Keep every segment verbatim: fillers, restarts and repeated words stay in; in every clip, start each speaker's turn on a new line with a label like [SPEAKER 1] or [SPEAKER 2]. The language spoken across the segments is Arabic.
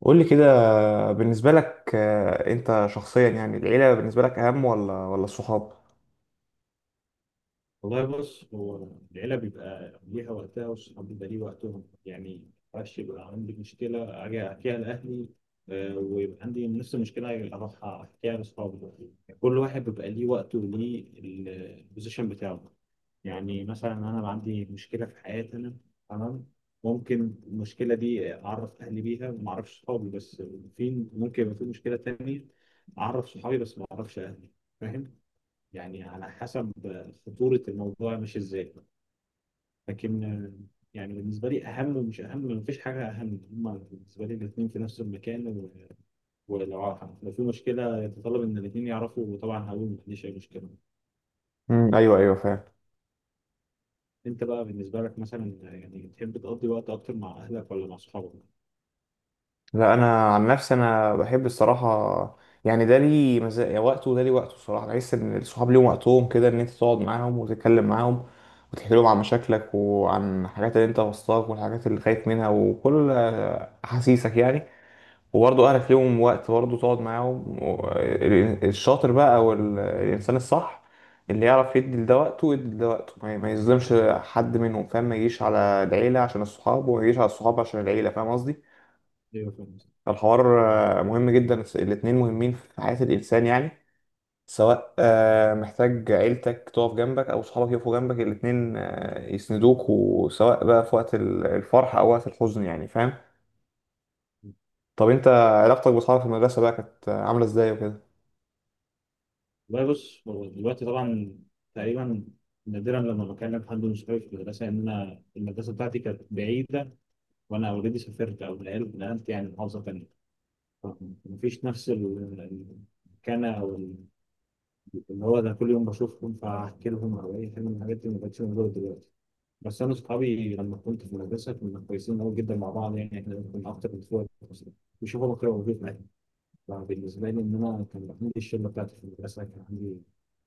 [SPEAKER 1] قول لي كده بالنسبة لك آه، انت شخصيا، يعني العيلة بالنسبة لك اهم ولا ولا الصحاب؟
[SPEAKER 2] والله بص هو العيلة بيبقى ليها وقتها والصحاب بيبقى ليه وقتهم، يعني معرفش، يبقى عندي مشكلة أجي أحكيها لأهلي آه، ويبقى عندي نفس المشكلة أجي أروح أحكيها لأصحابي. يعني كل واحد بيبقى ليه وقته وليه البوزيشن بتاعه. يعني مثلا أنا بقى عندي مشكلة في حياتي أنا، تمام، ممكن المشكلة دي أعرف أهلي بيها وما أعرفش صحابي بس، في ممكن يبقى في مشكلة تانية أعرف صحابي بس ما أعرفش أهلي، فاهم؟ يعني على حسب خطورة الموضوع، مش ازاي، لكن آه، يعني بالنسبة لي أهم ومش أهم مفيش حاجة أهم، هما بالنسبة لي الاتنين في نفس المكان، و- ولو ع- لو في مشكلة يتطلب إن الاتنين يعرفوا، وطبعا هقول مفيش أي مشكلة.
[SPEAKER 1] مم. ايوه ايوه فاهم.
[SPEAKER 2] أنت بقى بالنسبة لك مثلا يعني تحب تقضي وقت أكتر مع أهلك ولا مع أصحابك؟
[SPEAKER 1] لا، انا عن نفسي انا بحب الصراحة. يعني ده لي مزايا وقته وده لي وقته، الصراحة بحس ان الصحاب ليهم وقتهم كده، ان انت تقعد معاهم وتتكلم معاهم وتحكي لهم عن مشاكلك وعن الحاجات اللي انت وسطاك والحاجات اللي خايف منها وكل آه، احاسيسك يعني. وبرضه اهلك ليهم وقت برضه تقعد معاهم و- ال- الشاطر بقى او ال- الانسان الصح اللي يعرف يدي لده وقته ويدي لده وقته، ما ما يظلمش حد منهم، فاهم؟ ما يجيش على العيلة عشان الصحاب وما يجيش على الصحاب عشان العيلة، فاهم قصدي.
[SPEAKER 2] أيوه، فاهم.
[SPEAKER 1] فالحوار آه، مهم جدا، الس- الاتنين مهمين في حياة الإنسان يعني. سواء آه، محتاج عيلتك تقف جنبك أو صحابك يقفوا جنبك، الاتنين آه، يسندوك، وسواء بقى في وقت ال- الفرح أو وقت الحزن، يعني فاهم. طب أنت، علاقتك بأصحابك في المدرسة بقى كانت آه، عاملة إزاي وكده؟
[SPEAKER 2] والله بص هو دلوقتي طبعا تقريبا نادرا لما بكلم حد من صحابي في المدرسة، إن أنا المدرسة بتاعتي كانت بعيدة، وأنا أوريدي سافرت أو نقلت نقلت، يعني محافظة تانية. مفيش نفس ال- المكانة أو ال- اللي هو ده كل يوم بشوفهم فأحكي لهم أو أي حاجة من الحاجات اللي ما كانتش موجودة دلوقتي. بس أنا أصحابي لما كنت في المدرسة كنا كويسين أوي جدا مع بعض، يعني إحنا كنا أكتر من إخوات أصلا، بيشوفوا بكرة موجود معايا. لا، بالنسبة لي إن أنا كان عندي الشلة بتاعتي في المدرسة، كان عندي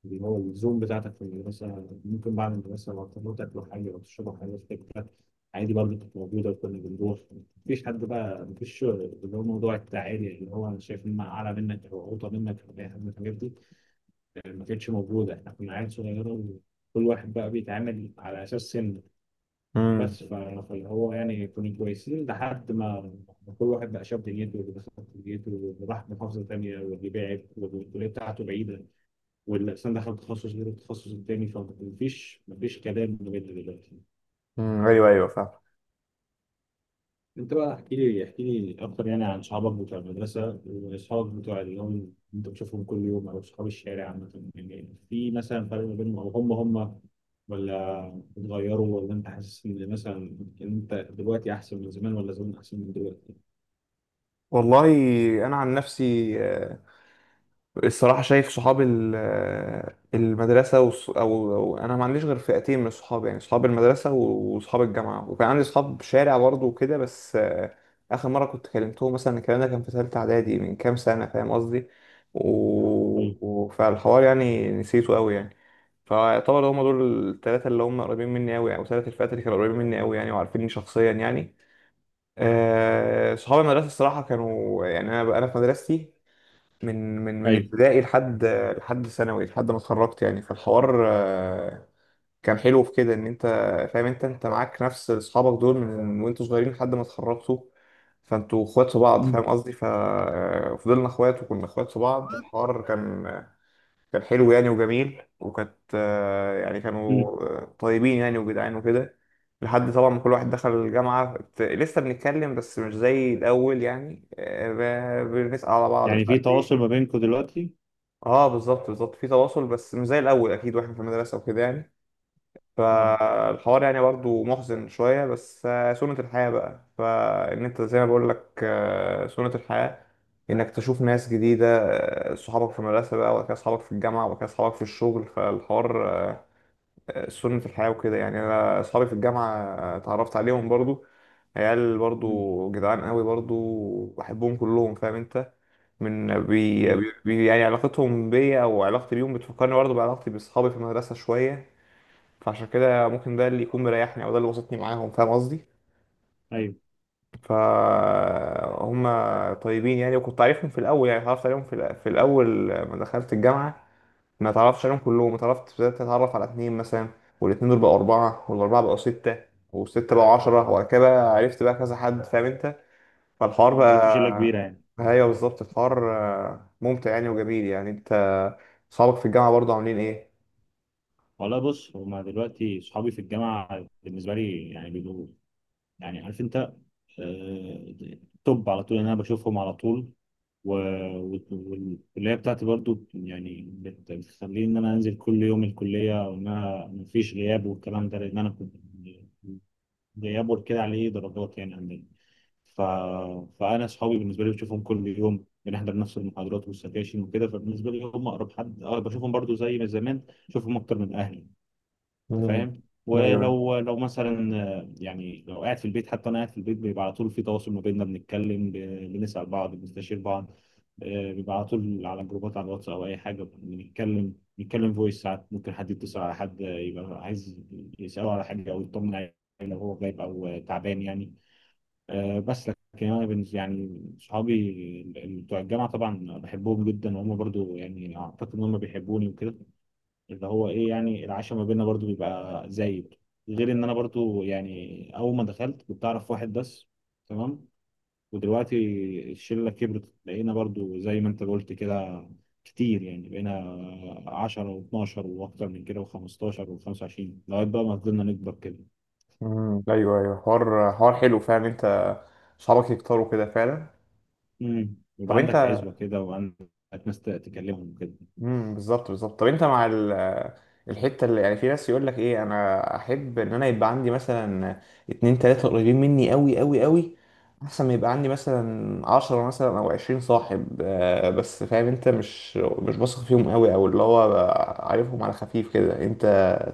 [SPEAKER 2] اللي هو الزوم بتاعتك في المدرسة، ممكن بعد المدرسة لو تروحوا تاكلوا حاجة أو تشربوا حاجة في حتة، عادي، برضه كانت موجودة وكنا بنروح. مفيش حد بقى، مفيش اللي هو موضوع التعالي، اللي هو أنا شايف إن أنا أعلى منك أو أوطى منك أو أي حاجة من الحاجات دي، ما كانتش موجودة، إحنا كنا عيال صغيرة وكل واحد بقى بيتعامل على أساس سن.
[SPEAKER 1] امم.
[SPEAKER 2] بس ف- فاللي هو يعني كنا كويسين لحد ما كل واحد بقى شاف دنيته، واللي دخل كليته واللي راح محافظه تانيه، واللي بعد والكليه بتاعته بعيده، واللي اصلا دخل تخصص غير التخصص التاني، فمفيش مفيش كلام بجد دلوقتي.
[SPEAKER 1] امم ايوه ايوه فاهم.
[SPEAKER 2] انت بقى احكي لي احكي لي اكتر، يعني عن صحابك بتوع المدرسه واصحابك بتوع اليوم اللي انت بتشوفهم كل يوم او صحاب الشارع عامه، يعني في مثلا فرق ما بينهم، او هم هم ولا اتغيروا، ولا انت حاسس ان مثلا انت دلوقتي احسن من زمان ولا زمان احسن من دلوقتي؟
[SPEAKER 1] والله انا عن نفسي آه، الصراحه شايف صحاب ال- آه، المدرسه وص- او أو انا ما عنديش غير فئتين من الصحاب، يعني صحاب المدرسه و- وصحاب الجامعه، وكان عندي صحاب شارع برضه وكده، بس آه، اخر مره كنت كلمتهم مثلا الكلام ده كان في ثالثه اعدادي من كام سنه، فاهم قصدي. و...
[SPEAKER 2] ايوه
[SPEAKER 1] و- فالحوار يعني نسيته قوي يعني. فيعتبر هم دول الثلاثه اللي هم قريبين مني قوي، او ثلاث الفئات اللي كانوا قريبين مني قوي يعني، وعارفيني شخصيا يعني. آه، صحاب المدرسة الصراحة كانوا يعني، أنا أنا في مدرستي من من من
[SPEAKER 2] ايوه.
[SPEAKER 1] ابتدائي لحد لحد ثانوي لحد ما اتخرجت يعني. فالحوار آه، كان حلو في كده، إن أنت فاهم، أنت أنت معاك نفس أصحابك دول من وأنتوا صغيرين لحد ما اتخرجتوا. فأنتوا إخوات في بعض، فاهم
[SPEAKER 2] مم.
[SPEAKER 1] قصدي، ففضلنا إخوات وكنا إخوات في بعض. الحوار كان، كان حلو يعني وجميل، وكانت آه، يعني كانوا
[SPEAKER 2] مم.
[SPEAKER 1] آه، طيبين يعني وجدعان وكده. لحد طبعا ما كل واحد دخل الجامعة، ت- لسه بنتكلم بس مش زي الأول يعني، آه، ب- بنسأل على بعض مش
[SPEAKER 2] يعني في
[SPEAKER 1] عارف
[SPEAKER 2] تواصل
[SPEAKER 1] ايه.
[SPEAKER 2] ما بينكم دلوقتي؟
[SPEAKER 1] اه بالظبط بالظبط، في تواصل بس مش زي الأول أكيد، واحنا في المدرسة وكده يعني.
[SPEAKER 2] اه.
[SPEAKER 1] فالحوار يعني برضه محزن شوية، بس آه، سنة الحياة بقى. فإن أنت زي ما بقول لك، آه، سنة الحياة إنك تشوف ناس جديدة. آه، صحابك في المدرسة بقى وبعد كده صحابك في الجامعة وبعد كده صحابك في الشغل. فالحوار آه، سنة الحياة وكده يعني. أنا صحابي في الجامعة آه، اتعرفت عليهم برضه، عيال
[SPEAKER 2] مم.
[SPEAKER 1] برضو جدعان قوي، برضو بحبهم كلهم فاهم انت. من بي, بي
[SPEAKER 2] ايوه
[SPEAKER 1] بي- يعني علاقتهم بيا او علاقتي بيهم بتفكرني برضو بعلاقتي باصحابي في المدرسه شويه. فعشان كده ممكن ده اللي يكون مريحني او ده اللي وسطني معاهم، فاهم قصدي.
[SPEAKER 2] ايوه.
[SPEAKER 1] فهم طيبين يعني، وكنت عارفهم في الاول يعني، اتعرفت عليهم في الأ- في الاول ما دخلت الجامعه. ما اتعرفتش عليهم كلهم، اتعرفت، بدات اتعرف على اتنين مثلا، والاتنين دول بقوا اربعه والاربعه بقوا سته والسته بقوا عشره، وبعد كده بقى عرفت بقى كذا حد، فاهم انت. فالحوار
[SPEAKER 2] ما بقيتوا
[SPEAKER 1] بقى
[SPEAKER 2] شله كبيره يعني؟
[SPEAKER 1] ايوه بالظبط، الحوار آه، ممتع يعني وجميل، يعني انت صحابك في الجامعه برضه عاملين ايه؟
[SPEAKER 2] والله بص هما دلوقتي صحابي في الجامعه بالنسبه لي، يعني بيبقوا، يعني عارف انت، آه، توب على طول إن انا بشوفهم على طول، و- و- والكليه بتاعتي برضو يعني بت- بتخليني ان انا انزل كل يوم الكليه وان انا مفيش غياب، والكلام ده لان انا كنت غياب كده عليه درجات يعني عندنا. ف... فانا اصحابي بالنسبه لي بشوفهم كل يوم، بنحضر نفس المحاضرات والسكاشن وكده، فبالنسبه لي هم اقرب حد، اه بشوفهم برضو زي ما زمان، بشوفهم اكتر من اهلي. انت
[SPEAKER 1] مم.
[SPEAKER 2] فاهم؟
[SPEAKER 1] ايوه
[SPEAKER 2] ولو لو مثلا آه، يعني لو قاعد في البيت، حتى انا قاعد في البيت بيبقى على طول في تواصل ما بيننا، بنتكلم، ب- بنسال بعض، بنستشير بعض. آه، بيبقى على طول على جروبات، على الواتس او اي حاجه بنتكلم، نتكلم فويس ساعات، ممكن حد يتصل على حد، آه، يبقى عايز يساله على حاجه او يطمن عليه لو هو غايب او آه، تعبان يعني. آه، بس لكن انا بالنسبه يعني صحابي ال- ال- بتوع الجامعه، طبعا بحبهم جدا وهم برضو يعني اعتقد ان هم بيحبوني وكده، اللي هو ايه يعني العشاء ما بيننا برضو بيبقى زايد، غير ان انا برضو يعني اول ما دخلت كنت اعرف واحد بس، تمام. ودلوقتي الشله كبرت، بقينا برضو زي ما انت قلت كده كتير يعني، بقينا عشرة و12 واكتر من كده و15 و25 لغايه بقى ما فضلنا نكبر كده.
[SPEAKER 1] امم ايوه ايوه حوار حوار حلو فعلا، انت صحابك يكتروا كده فعلا.
[SPEAKER 2] امم يبقى
[SPEAKER 1] طب انت،
[SPEAKER 2] عندك عزوه كده، وعندك ناس تكلمهم كده.
[SPEAKER 1] امم بالظبط بالظبط، طب انت مع ال... الحته اللي يعني، في ناس يقول لك ايه، انا احب ان انا يبقى عندي مثلا اتنين تلاته قريبين مني قوي قوي قوي، احسن ما يبقى عندي مثلا عشرة مثلا او عشرين صاحب آه، بس فاهم انت، مش مش بثق فيهم قوي، او اللي هو بقى عارفهم على خفيف كده، انت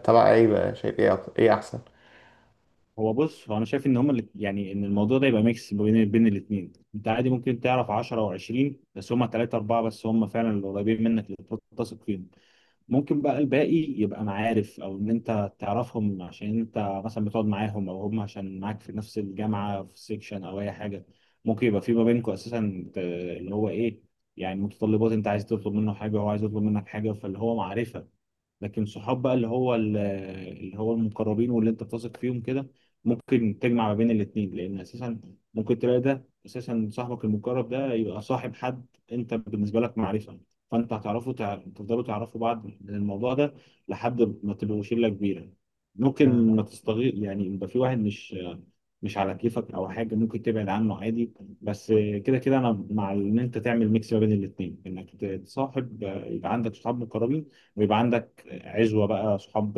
[SPEAKER 1] تبع ايه بقى شايف ايه أك- ايه احسن؟
[SPEAKER 2] هو بص هو انا شايف ان هما اللي يعني ان الموضوع ده يبقى ميكس بين بين الاثنين، انت عادي ممكن تعرف عشرة او عشرين، بس هما ثلاثة أربعة بس، هما فعلا اللي قريبين منك اللي تقدر تثق فيهم. ممكن بقى الباقي يبقى معارف، او ان انت تعرفهم عشان انت مثلا بتقعد معاهم، او هم عشان معاك في نفس الجامعه في سيكشن او اي حاجه، ممكن يبقى في ما بينكم اساسا، ت- اللي هو ايه يعني متطلبات، انت عايز تطلب منه حاجه وهو عايز يطلب منك حاجه، فاللي هو معرفه. لكن صحاب بقى اللي هو ال- اللي هو المقربين، واللي انت بتثق فيهم كده، ممكن تجمع ما بين الاتنين، لان اساسا ممكن تلاقي ده اساسا صاحبك المقرب ده يبقى صاحب حد، انت بالنسبه لك معرفه، فانت هتعرفوا، تع- تفضلوا تعرفوا بعض من الموضوع ده لحد ما تبقوا شله كبيره.
[SPEAKER 1] مم.
[SPEAKER 2] ممكن ما تستغل يعني، يبقى في واحد مش مش على كيفك او حاجه، ممكن تبعد عنه عادي. بس كده كده انا مع ان انت تعمل ميكس ما بين الاثنين انك تصاحب، يبقى عندك صحاب مقربين، ويبقى عندك عزوة بقى صحاب،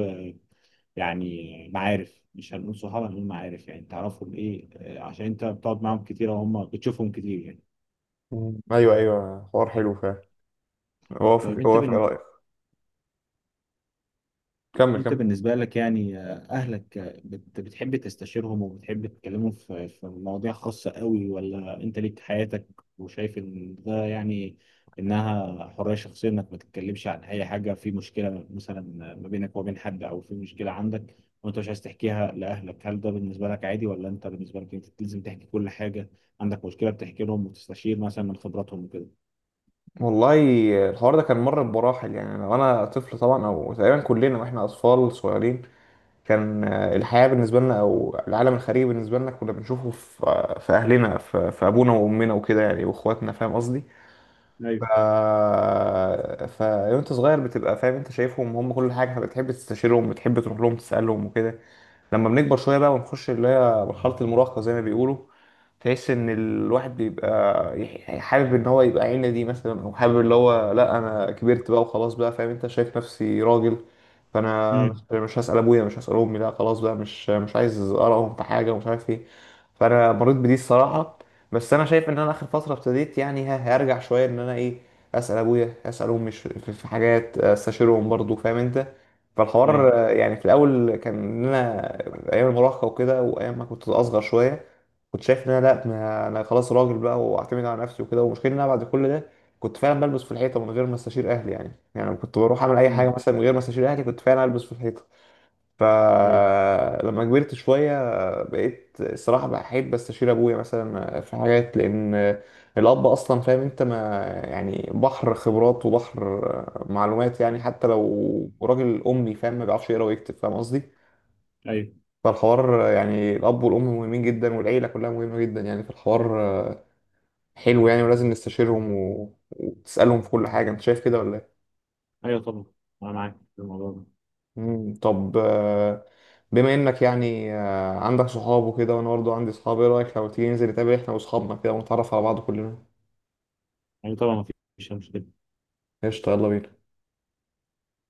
[SPEAKER 2] يعني معارف، مش هنقول صحاب، هنقول معارف، يعني تعرفهم ايه، آه، عشان انت بتقعد معاهم كتير وهم بتشوفهم كتير يعني.
[SPEAKER 1] مم. ايوه ايوه حوار حلو فعلا، اوافق
[SPEAKER 2] طيب انت
[SPEAKER 1] اوافق،
[SPEAKER 2] بن-
[SPEAKER 1] كمل
[SPEAKER 2] انت
[SPEAKER 1] كمل.
[SPEAKER 2] بالنسبة لك يعني آه، اهلك آه، بت- بتحب تستشيرهم وبتحب تتكلموا في في مواضيع خاصة قوي، ولا انت ليك حياتك وشايف ان ده يعني انها حرية شخصية، انك ما تتكلمش عن اي حاجة، في مشكلة مثلا ما بينك وبين حد، او في مشكلة عندك وانت مش عايز تحكيها لاهلك، هل ده بالنسبة لك عادي، ولا انت بالنسبة لك انت لازم تحكي كل حاجة، عندك مشكلة بتحكي لهم وتستشير مثلا من خبراتهم وكده؟
[SPEAKER 1] والله الحوار ده كان مر بمراحل، يعني لو انا طفل طبعا، او تقريبا كلنا واحنا اطفال صغيرين، كان آه، الحياه بالنسبه لنا او العالم الخارجي بالنسبه لنا كنا بنشوفه في آه، في اهلنا في, في ابونا وامنا وكده يعني واخواتنا، فاهم قصدي. ف
[SPEAKER 2] ايوه.
[SPEAKER 1] ف وانت صغير بتبقى فاهم، انت شايفهم هم كل حاجه، بتحب تستشيرهم، بتحب تروح لهم تسالهم وكده. لما بنكبر شوية بقى ونخش اللي هي مرحلة المراهقة زي ما بيقولوا، تحس ان الواحد بيبقى يح- يعني حابب ان هو يبقى عيلة دي مثلا، او حابب اللي هو لا انا كبرت بقى وخلاص بقى، فاهم انت، شايف نفسي راجل. فانا
[SPEAKER 2] امم.
[SPEAKER 1] مش مش هسأل ابويا، مش هسأل امي، لا خلاص بقى، مش مش عايز ارائهم في حاجة ومش عارف ايه. فانا مريت بدي الصراحة، بس انا شايف ان انا اخر فترة ابتديت يعني، ه- هرجع شوية ان انا ايه، اسأل ابويا، اسأل امي، ش- في في حاجات استشيرهم برضو، فاهم انت.
[SPEAKER 2] ايوه.
[SPEAKER 1] فالحوار آه، يعني في الاول كان إن انا ايام المراهقه وكده، وايام ما كنت اصغر شويه، كنت شايف ان انا لا، ما انا خلاص راجل بقى واعتمد على نفسي وكده. والمشكله ان انا بعد كل ده كنت فعلا بلبس في الحيطه من غير ما استشير اهلي، يعني يعني لما كنت بروح اعمل اي حاجه
[SPEAKER 2] امم.
[SPEAKER 1] مثلا من غير ما استشير اهلي كنت فعلا البس في الحيطه.
[SPEAKER 2] ايوه
[SPEAKER 1] فلما كبرت شوية بقيت الصراحة بحب استشير ابويا مثلا في حاجات، لان الاب اصلا فاهم انت، ما يعني بحر خبرات وبحر معلومات يعني، حتى لو راجل امي فاهم، ما بيعرفش يقرا ويكتب، فاهم قصدي.
[SPEAKER 2] ايوه.
[SPEAKER 1] فالحوار يعني الاب والام مهمين جدا، والعيلة كلها مهمة جدا يعني، فالحوار حلو يعني، ولازم نستشيرهم و... وتسألهم في كل حاجة، انت شايف كده ولا إيه؟
[SPEAKER 2] ايوه، طبعا. انا معاك في الموضوع ده.
[SPEAKER 1] مم. طب آه، بما انك يعني آه، عندك صحاب وكده، وانا برضه عندي صحاب، ايه رايك لو تيجي ننزل نتقابل احنا واصحابنا كده ونتعرف على بعض كلنا؟
[SPEAKER 2] يعني طبعا ما فيش مشكلة.
[SPEAKER 1] قشطه، يلا بينا.